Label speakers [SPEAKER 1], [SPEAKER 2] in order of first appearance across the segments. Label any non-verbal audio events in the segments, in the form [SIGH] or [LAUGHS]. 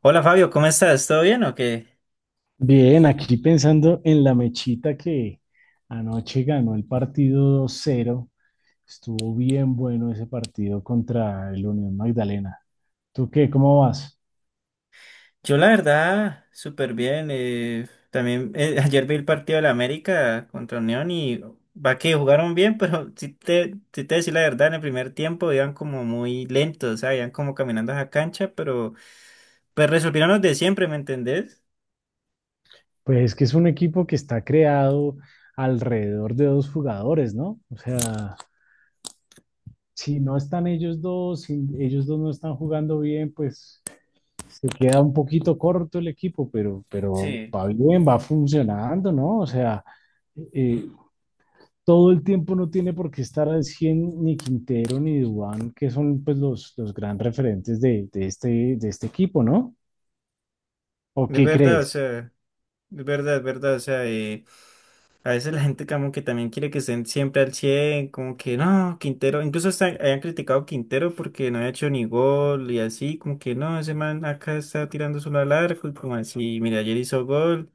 [SPEAKER 1] Hola Fabio, ¿cómo estás? ¿Todo bien o qué?
[SPEAKER 2] Bien, aquí pensando en la mechita que anoche ganó el partido dos cero. Estuvo bien bueno ese partido contra el Unión Magdalena. ¿Tú qué? ¿Cómo vas?
[SPEAKER 1] Yo la verdad, súper bien. También, [LAUGHS] ayer vi el partido de la América contra Unión y va que jugaron bien, pero [LAUGHS] si te decir la verdad, en el primer tiempo iban como muy lentos, o sea, iban como caminando a la cancha, pero pues resolvieron los de siempre, ¿me entendés?
[SPEAKER 2] Pues es que es un equipo que está creado alrededor de dos jugadores, ¿no? O sea, si no están ellos dos, si ellos dos no están jugando bien, pues se queda un poquito corto el equipo, pero
[SPEAKER 1] Sí,
[SPEAKER 2] va bien, va funcionando, ¿no? O sea, eh, todo el tiempo no tiene por qué estar al 100 ni Quintero ni Dubán, que son pues los gran referentes de este equipo, ¿no? ¿O
[SPEAKER 1] es
[SPEAKER 2] qué
[SPEAKER 1] verdad, o
[SPEAKER 2] crees?
[SPEAKER 1] sea, es verdad, o sea, a veces la gente como que también quiere que estén siempre al cien, como que no. Quintero, incluso hasta hayan criticado a Quintero porque no había hecho ni gol y así, como que no, ese man acá está tirando solo al arco y como así, mira, ayer hizo gol,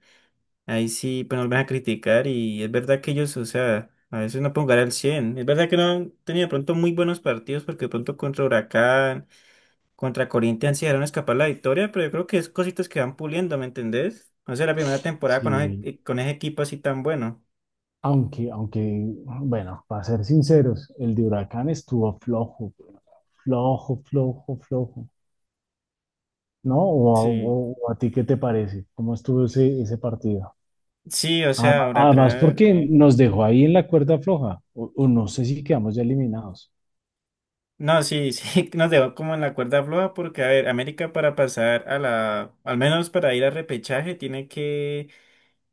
[SPEAKER 1] ahí sí, pues nos van a criticar. Y es verdad que ellos, o sea, a veces no pueden jugar al cien, es verdad que no han tenido de pronto muy buenos partidos, porque de pronto contra Huracán, contra Corinthians sí dejaron escapar la victoria, pero yo creo que es cositas que van puliendo, ¿me entendés? No sé, la primera temporada con
[SPEAKER 2] Sí,
[SPEAKER 1] con ese equipo así tan bueno.
[SPEAKER 2] aunque, bueno, para ser sinceros, el de Huracán estuvo flojo, flojo, flojo, flojo, ¿no? ¿O, a-
[SPEAKER 1] Sí.
[SPEAKER 2] o- o a ti qué te parece? ¿Cómo estuvo ese partido?
[SPEAKER 1] Sí, o sea,
[SPEAKER 2] Además,
[SPEAKER 1] ahora
[SPEAKER 2] además
[SPEAKER 1] acá.
[SPEAKER 2] porque nos dejó ahí en la cuerda floja, o no sé si quedamos ya eliminados.
[SPEAKER 1] No, sí, sí, [LAUGHS] nos dejó como en la cuerda floja porque, a ver, América para pasar a la, al menos para ir a repechaje, tiene que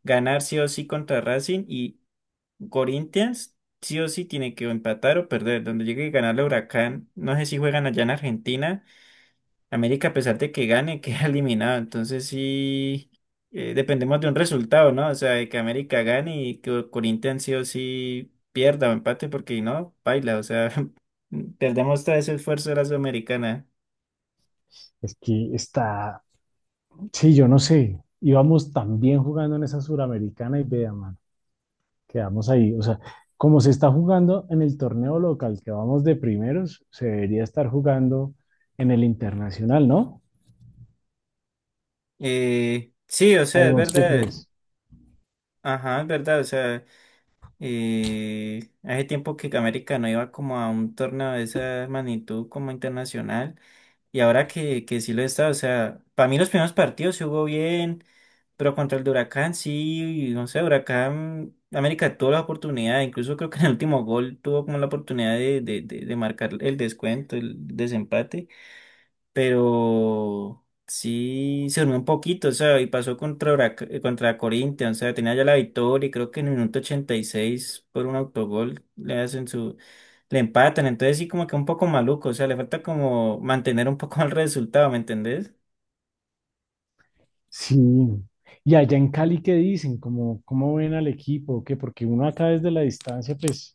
[SPEAKER 1] ganar sí o sí contra Racing, y Corinthians sí o sí tiene que o empatar o perder. Donde llegue a ganar el Huracán, no sé si juegan allá en Argentina. América, a pesar de que gane, [LAUGHS] queda eliminado. Entonces sí, dependemos de un resultado, ¿no? O sea, de que América gane y que Corinthians sí o sí pierda o empate, porque no, baila. O sea, [LAUGHS] perdemos todo ese esfuerzo de la Sudamericana.
[SPEAKER 2] Es que está, Sí, yo no sé. Íbamos también jugando en esa suramericana y vea, mano, quedamos ahí. O sea, como se está jugando en el torneo local, que vamos de primeros, se debería estar jugando en el internacional, ¿no?
[SPEAKER 1] Sí, o
[SPEAKER 2] ¿O
[SPEAKER 1] sea, es
[SPEAKER 2] vos qué
[SPEAKER 1] verdad.
[SPEAKER 2] crees?
[SPEAKER 1] Ajá, es verdad. O sea, hace tiempo que América no iba como a un torneo de esa magnitud como internacional. Y ahora que sí lo está, o sea, para mí los primeros partidos sí jugó bien, pero contra el de Huracán sí, no sé, Huracán, América tuvo la oportunidad, incluso creo que en el último gol tuvo como la oportunidad de marcar el descuento, el desempate, pero sí se durmió un poquito, o sea. Y pasó contra, contra Corinthians, o sea, tenía ya la victoria y creo que en el minuto 86 por un autogol le hacen su, le empatan. Entonces sí, como que un poco maluco, o sea, le falta como mantener un poco [LAUGHS] el resultado, ¿me entendés?
[SPEAKER 2] Sí. Y allá en Cali, ¿qué dicen? ¿Cómo ven al equipo? ¿Qué? Porque uno acá desde la distancia, pues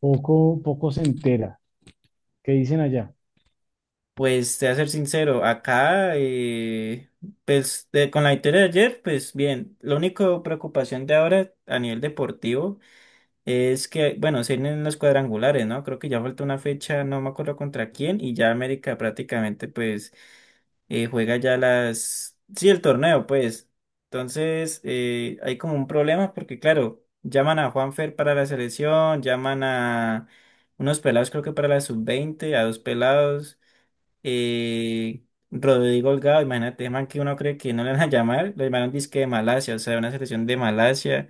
[SPEAKER 2] poco se entera. ¿Qué dicen allá?
[SPEAKER 1] Pues te voy a ser sincero, acá, pues con la victoria de ayer, pues bien. La única preocupación de ahora a nivel deportivo es que, bueno, se vienen los cuadrangulares, ¿no? Creo que ya falta una fecha, no me acuerdo contra quién, y ya América prácticamente, pues, juega ya las... Sí, el torneo, pues. Entonces, hay como un problema porque, claro, llaman a Juanfer para la selección, llaman a unos pelados, creo que para la sub 20 a dos pelados, eh, Rodrigo Holgado, imagínate, man, que uno cree que no le van a llamar, lo llamaron disque de Malasia, o sea, una selección de Malasia.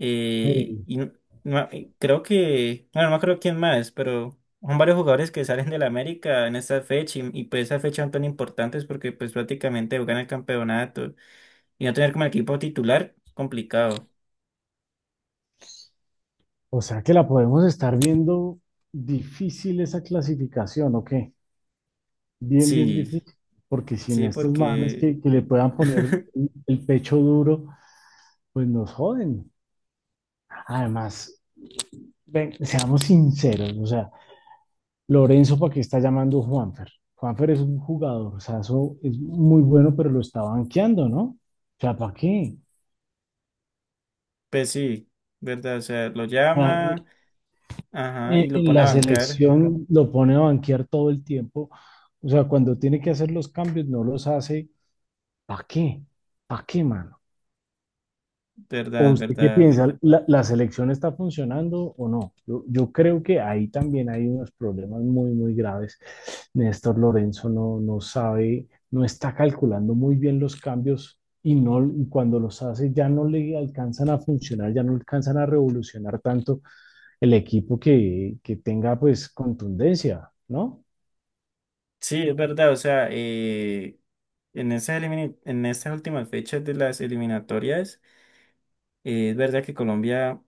[SPEAKER 1] Eh,
[SPEAKER 2] Hey,
[SPEAKER 1] y no- y creo que, bueno, no creo quién más, pero son varios jugadores que salen del América en esta fecha y pues esas fechas son tan importantes porque pues prácticamente juegan el campeonato y no tener como equipo titular, complicado.
[SPEAKER 2] o sea que la podemos estar viendo difícil esa clasificación, ¿o qué? Bien, bien
[SPEAKER 1] Sí,
[SPEAKER 2] difícil, porque sin
[SPEAKER 1] sí,
[SPEAKER 2] estos manes
[SPEAKER 1] porque,
[SPEAKER 2] que le puedan poner
[SPEAKER 1] [LAUGHS]
[SPEAKER 2] el pecho duro, pues nos joden. Además, ven, seamos sinceros, o sea, Lorenzo, ¿para qué está llamando a Juanfer? Juanfer es un jugador, o sea, eso es muy bueno, pero lo está banqueando, ¿no? O sea, ¿para qué?
[SPEAKER 1] pues sí, ¿verdad? O sea, lo
[SPEAKER 2] O en,
[SPEAKER 1] llama, ajá, y lo
[SPEAKER 2] en
[SPEAKER 1] pone a
[SPEAKER 2] la
[SPEAKER 1] bancar,
[SPEAKER 2] selección lo pone a banquear todo el tiempo, o sea, cuando tiene que hacer los cambios, no los hace, ¿para qué? ¿Para qué, man? ¿O
[SPEAKER 1] ¿verdad?
[SPEAKER 2] usted qué
[SPEAKER 1] ¿Verdad?
[SPEAKER 2] piensa? ¿La selección está funcionando o no? Yo creo que ahí también hay unos problemas muy graves. Néstor Lorenzo no sabe, no está calculando muy bien los cambios y, no, y cuando los hace ya no le alcanzan a funcionar, ya no alcanzan a revolucionar tanto el equipo que tenga pues contundencia, ¿no?
[SPEAKER 1] Sí, es verdad, o sea, en esas, en esas últimas fechas de las eliminatorias. Es verdad que Colombia,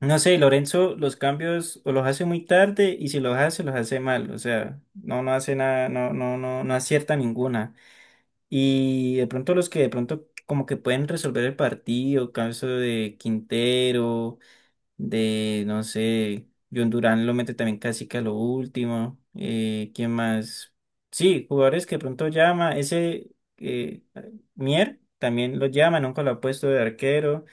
[SPEAKER 1] no sé, Lorenzo los cambios o los hace muy tarde, y si los hace, los hace mal. O sea, no, no hace nada, no, no acierta ninguna. Y de pronto los que de pronto como que pueden resolver el partido, caso de Quintero, de, no sé, John Durán lo mete también casi que a lo último. ¿Quién más? Sí, jugadores que de pronto llama, ese eh, Mier también lo llama, nunca lo ha puesto de arquero.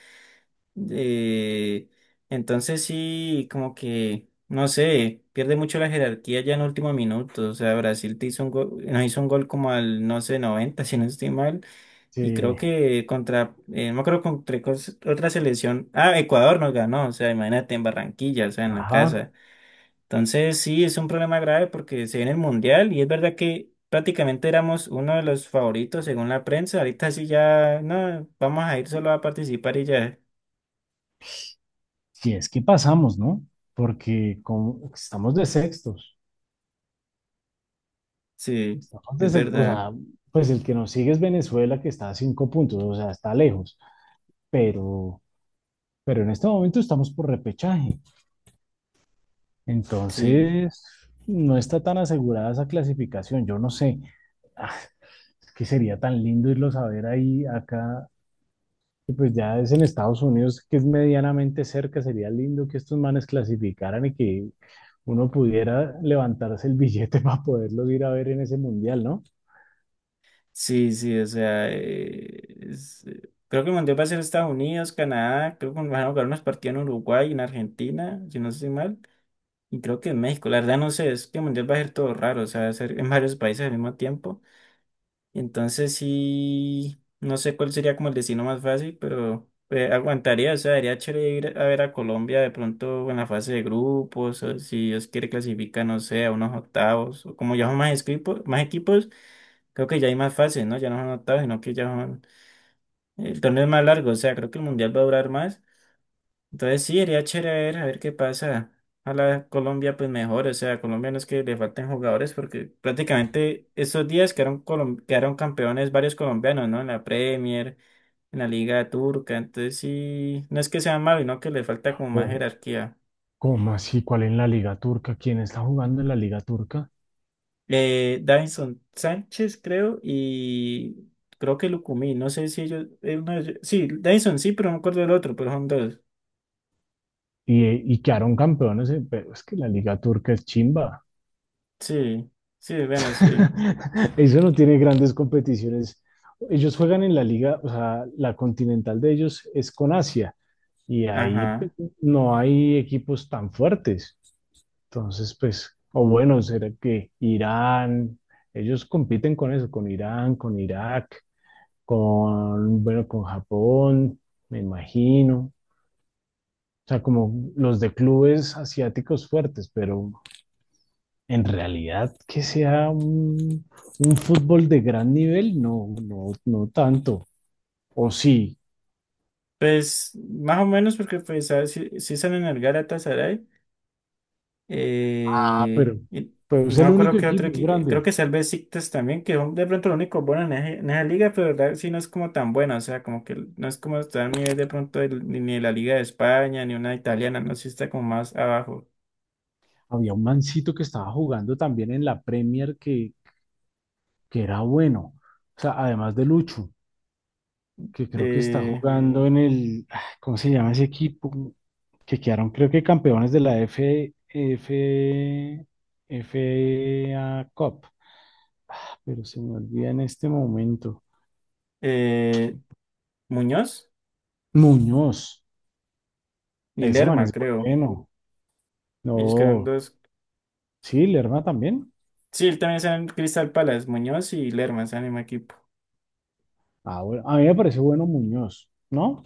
[SPEAKER 1] Eh, entonces sí, como que, no sé, pierde mucho la jerarquía ya en último minuto. O sea, Brasil te hizo un gol, nos hizo un gol como al, no sé, 90 [LAUGHS] si no estoy mal. Y creo
[SPEAKER 2] Sí,
[SPEAKER 1] que contra, no me acuerdo contra otra selección. Ah, Ecuador nos ganó, o sea, imagínate en Barranquilla, o sea, en la
[SPEAKER 2] ajá,
[SPEAKER 1] casa. Entonces sí, es un problema grave porque se viene el Mundial, y es verdad que prácticamente éramos uno de los favoritos según la prensa. Ahorita sí ya, no, vamos a ir solo a participar y ya.
[SPEAKER 2] si es que pasamos, ¿no? Porque como, estamos de sextos.
[SPEAKER 1] Sí, es
[SPEAKER 2] Entonces, o
[SPEAKER 1] verdad.
[SPEAKER 2] sea, pues el que nos sigue es Venezuela, que está a cinco puntos, o sea, está lejos, pero, pero en este momento estamos por repechaje.
[SPEAKER 1] Sí,
[SPEAKER 2] Entonces, no está tan asegurada esa clasificación, yo no sé. Ah, es que sería tan lindo irlos a ver ahí, acá, que pues ya es en Estados Unidos, que es medianamente cerca, sería lindo que estos manes clasificaran y que uno pudiera levantarse el billete [LAUGHS] para poderlos ir a ver en ese mundial, ¿no?
[SPEAKER 1] sí, sí, o sea, es- eh, creo que el Mundial va a ser Estados Unidos, Canadá, creo que van a jugar unos partidos en Uruguay, en Argentina, si no estoy mal, y creo que en México, la verdad no sé. Es que el Mundial va a ser todo raro, o sea, va a ser en varios países al mismo tiempo. Entonces sí, no sé cuál sería como el destino más fácil, pero aguantaría, o sea, sería chévere ir a ver a Colombia de pronto en la fase de grupos, o si Dios quiere clasifica, no sé, a unos octavos, o como ya son más equipos, más equipos. Creo que ya hay más fases, ¿no? Ya no son octavos, sino que ya son... El torneo es más largo, o sea, creo que el mundial va a durar más. Entonces sí, sería chévere, a ver qué pasa. Ojalá Colombia pues mejor, o sea, a Colombia no es que le falten jugadores, porque prácticamente estos días quedaron, quedaron campeones varios colombianos, ¿no? En la Premier, en la Liga Turca. Entonces sí, no es que sea malo, sino que le falta como más
[SPEAKER 2] O,
[SPEAKER 1] jerarquía.
[SPEAKER 2] ¿cómo así? ¿Cuál en la Liga Turca? ¿Quién está jugando en la Liga Turca?
[SPEAKER 1] Davinson Sánchez, creo, y creo que Lucumí, no sé si ellos, uno de sí, Davinson sí, pero no me acuerdo del otro, pero son dos.
[SPEAKER 2] Y quedaron campeones, pero es que la Liga Turca es chimba.
[SPEAKER 1] Sí, sí, bueno, sí.
[SPEAKER 2] [LAUGHS] Eso no tiene grandes competiciones. Ellos juegan en la liga, o sea, la continental de ellos es con Asia y ahí pues,
[SPEAKER 1] Ajá.
[SPEAKER 2] no hay equipos tan fuertes. Entonces, pues, o bueno, será que Irán, ellos compiten con eso, con Irán, con Irak, con, bueno, con Japón, me imagino. O sea, como los de clubes asiáticos fuertes, pero en realidad que sea un fútbol de gran nivel, no, no tanto. O sí,
[SPEAKER 1] Pues más o menos, porque pues ah, sí, sí salen el Galatasaray.
[SPEAKER 2] ah,
[SPEAKER 1] Eh, y,
[SPEAKER 2] pero
[SPEAKER 1] y
[SPEAKER 2] es
[SPEAKER 1] no me
[SPEAKER 2] el
[SPEAKER 1] acuerdo
[SPEAKER 2] único
[SPEAKER 1] qué otro
[SPEAKER 2] equipo
[SPEAKER 1] creo
[SPEAKER 2] grande.
[SPEAKER 1] que es el Besiktas también, que son de pronto los únicos buenos en, en esa liga, pero la verdad sí no es como tan buena, o sea, como que no es como está a nivel de pronto ni de la Liga de España, ni una italiana, no, sí está como más abajo.
[SPEAKER 2] Había un mancito que estaba jugando también en la Premier que era bueno. O sea, además de Lucho, que creo que está
[SPEAKER 1] eh,
[SPEAKER 2] jugando en el, ah, ¿cómo se llama ese equipo? Que quedaron, creo que campeones de la F A Cup, pero se me olvida en este momento.
[SPEAKER 1] eh, Muñoz
[SPEAKER 2] Muñoz,
[SPEAKER 1] y
[SPEAKER 2] ese man
[SPEAKER 1] Lerma,
[SPEAKER 2] es
[SPEAKER 1] creo.
[SPEAKER 2] bueno.
[SPEAKER 1] Ellos quedaron
[SPEAKER 2] No,
[SPEAKER 1] dos.
[SPEAKER 2] sí, Lerma también.
[SPEAKER 1] Sí, él también está en Crystal Palace, Muñoz y Lerma, es el mismo equipo.
[SPEAKER 2] Ah, bueno, a mí me parece bueno Muñoz, ¿no?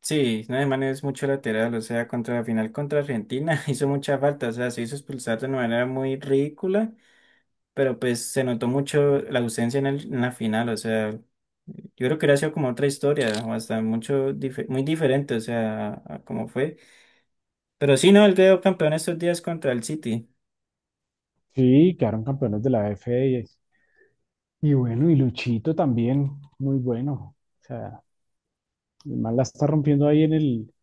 [SPEAKER 1] Sí, no, man es mucho lateral, o sea, contra la final contra Argentina [LAUGHS] hizo mucha falta, o sea, se hizo expulsar de una manera muy ridícula, pero pues se notó mucho la ausencia en, en la final, o sea, yo creo que hubiera sido como otra historia, o hasta mucho, muy diferente, o sea, a cómo fue. Pero sí, no, él quedó campeón estos días contra el City.
[SPEAKER 2] Sí, quedaron campeones de la AF y bueno, y Luchito también, muy bueno. O sea, el man la está rompiendo ahí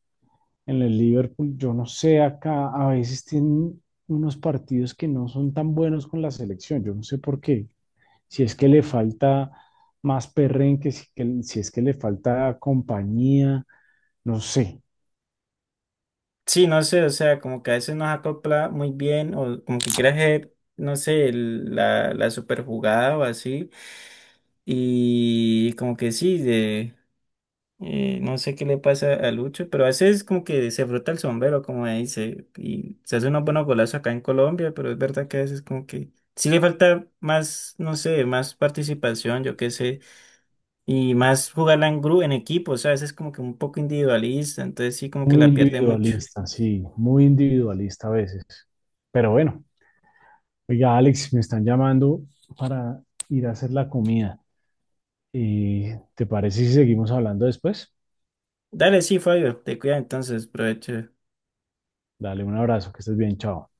[SPEAKER 2] en el Liverpool. Yo no sé, acá a veces tienen unos partidos que no son tan buenos con la selección. Yo no sé por qué. Si es que le falta más perrenque, si, si es que le falta compañía, no sé,
[SPEAKER 1] Sí, no sé, o sea, como que a veces nos acopla muy bien, o como que quiere hacer, no sé, la super jugada o así. Y como que sí, no sé qué le pasa a Lucho, pero a veces como que se frota el sombrero, como ahí dice, y se hace unos buenos golazos acá en Colombia, pero es verdad que a veces como que sí le falta más, no sé, más participación, yo qué sé, y más jugarla en grupo, en equipo, o sea, a veces como que un poco individualista, entonces sí como que
[SPEAKER 2] muy
[SPEAKER 1] la pierde mucho.
[SPEAKER 2] individualista, sí, muy individualista a veces. Pero bueno, oiga, Alex, me están llamando para ir a hacer la comida. ¿Te parece si seguimos hablando después?
[SPEAKER 1] Dale, sí, Fabio, te cuida entonces, provecho.
[SPEAKER 2] Dale un abrazo, que estés bien, chao.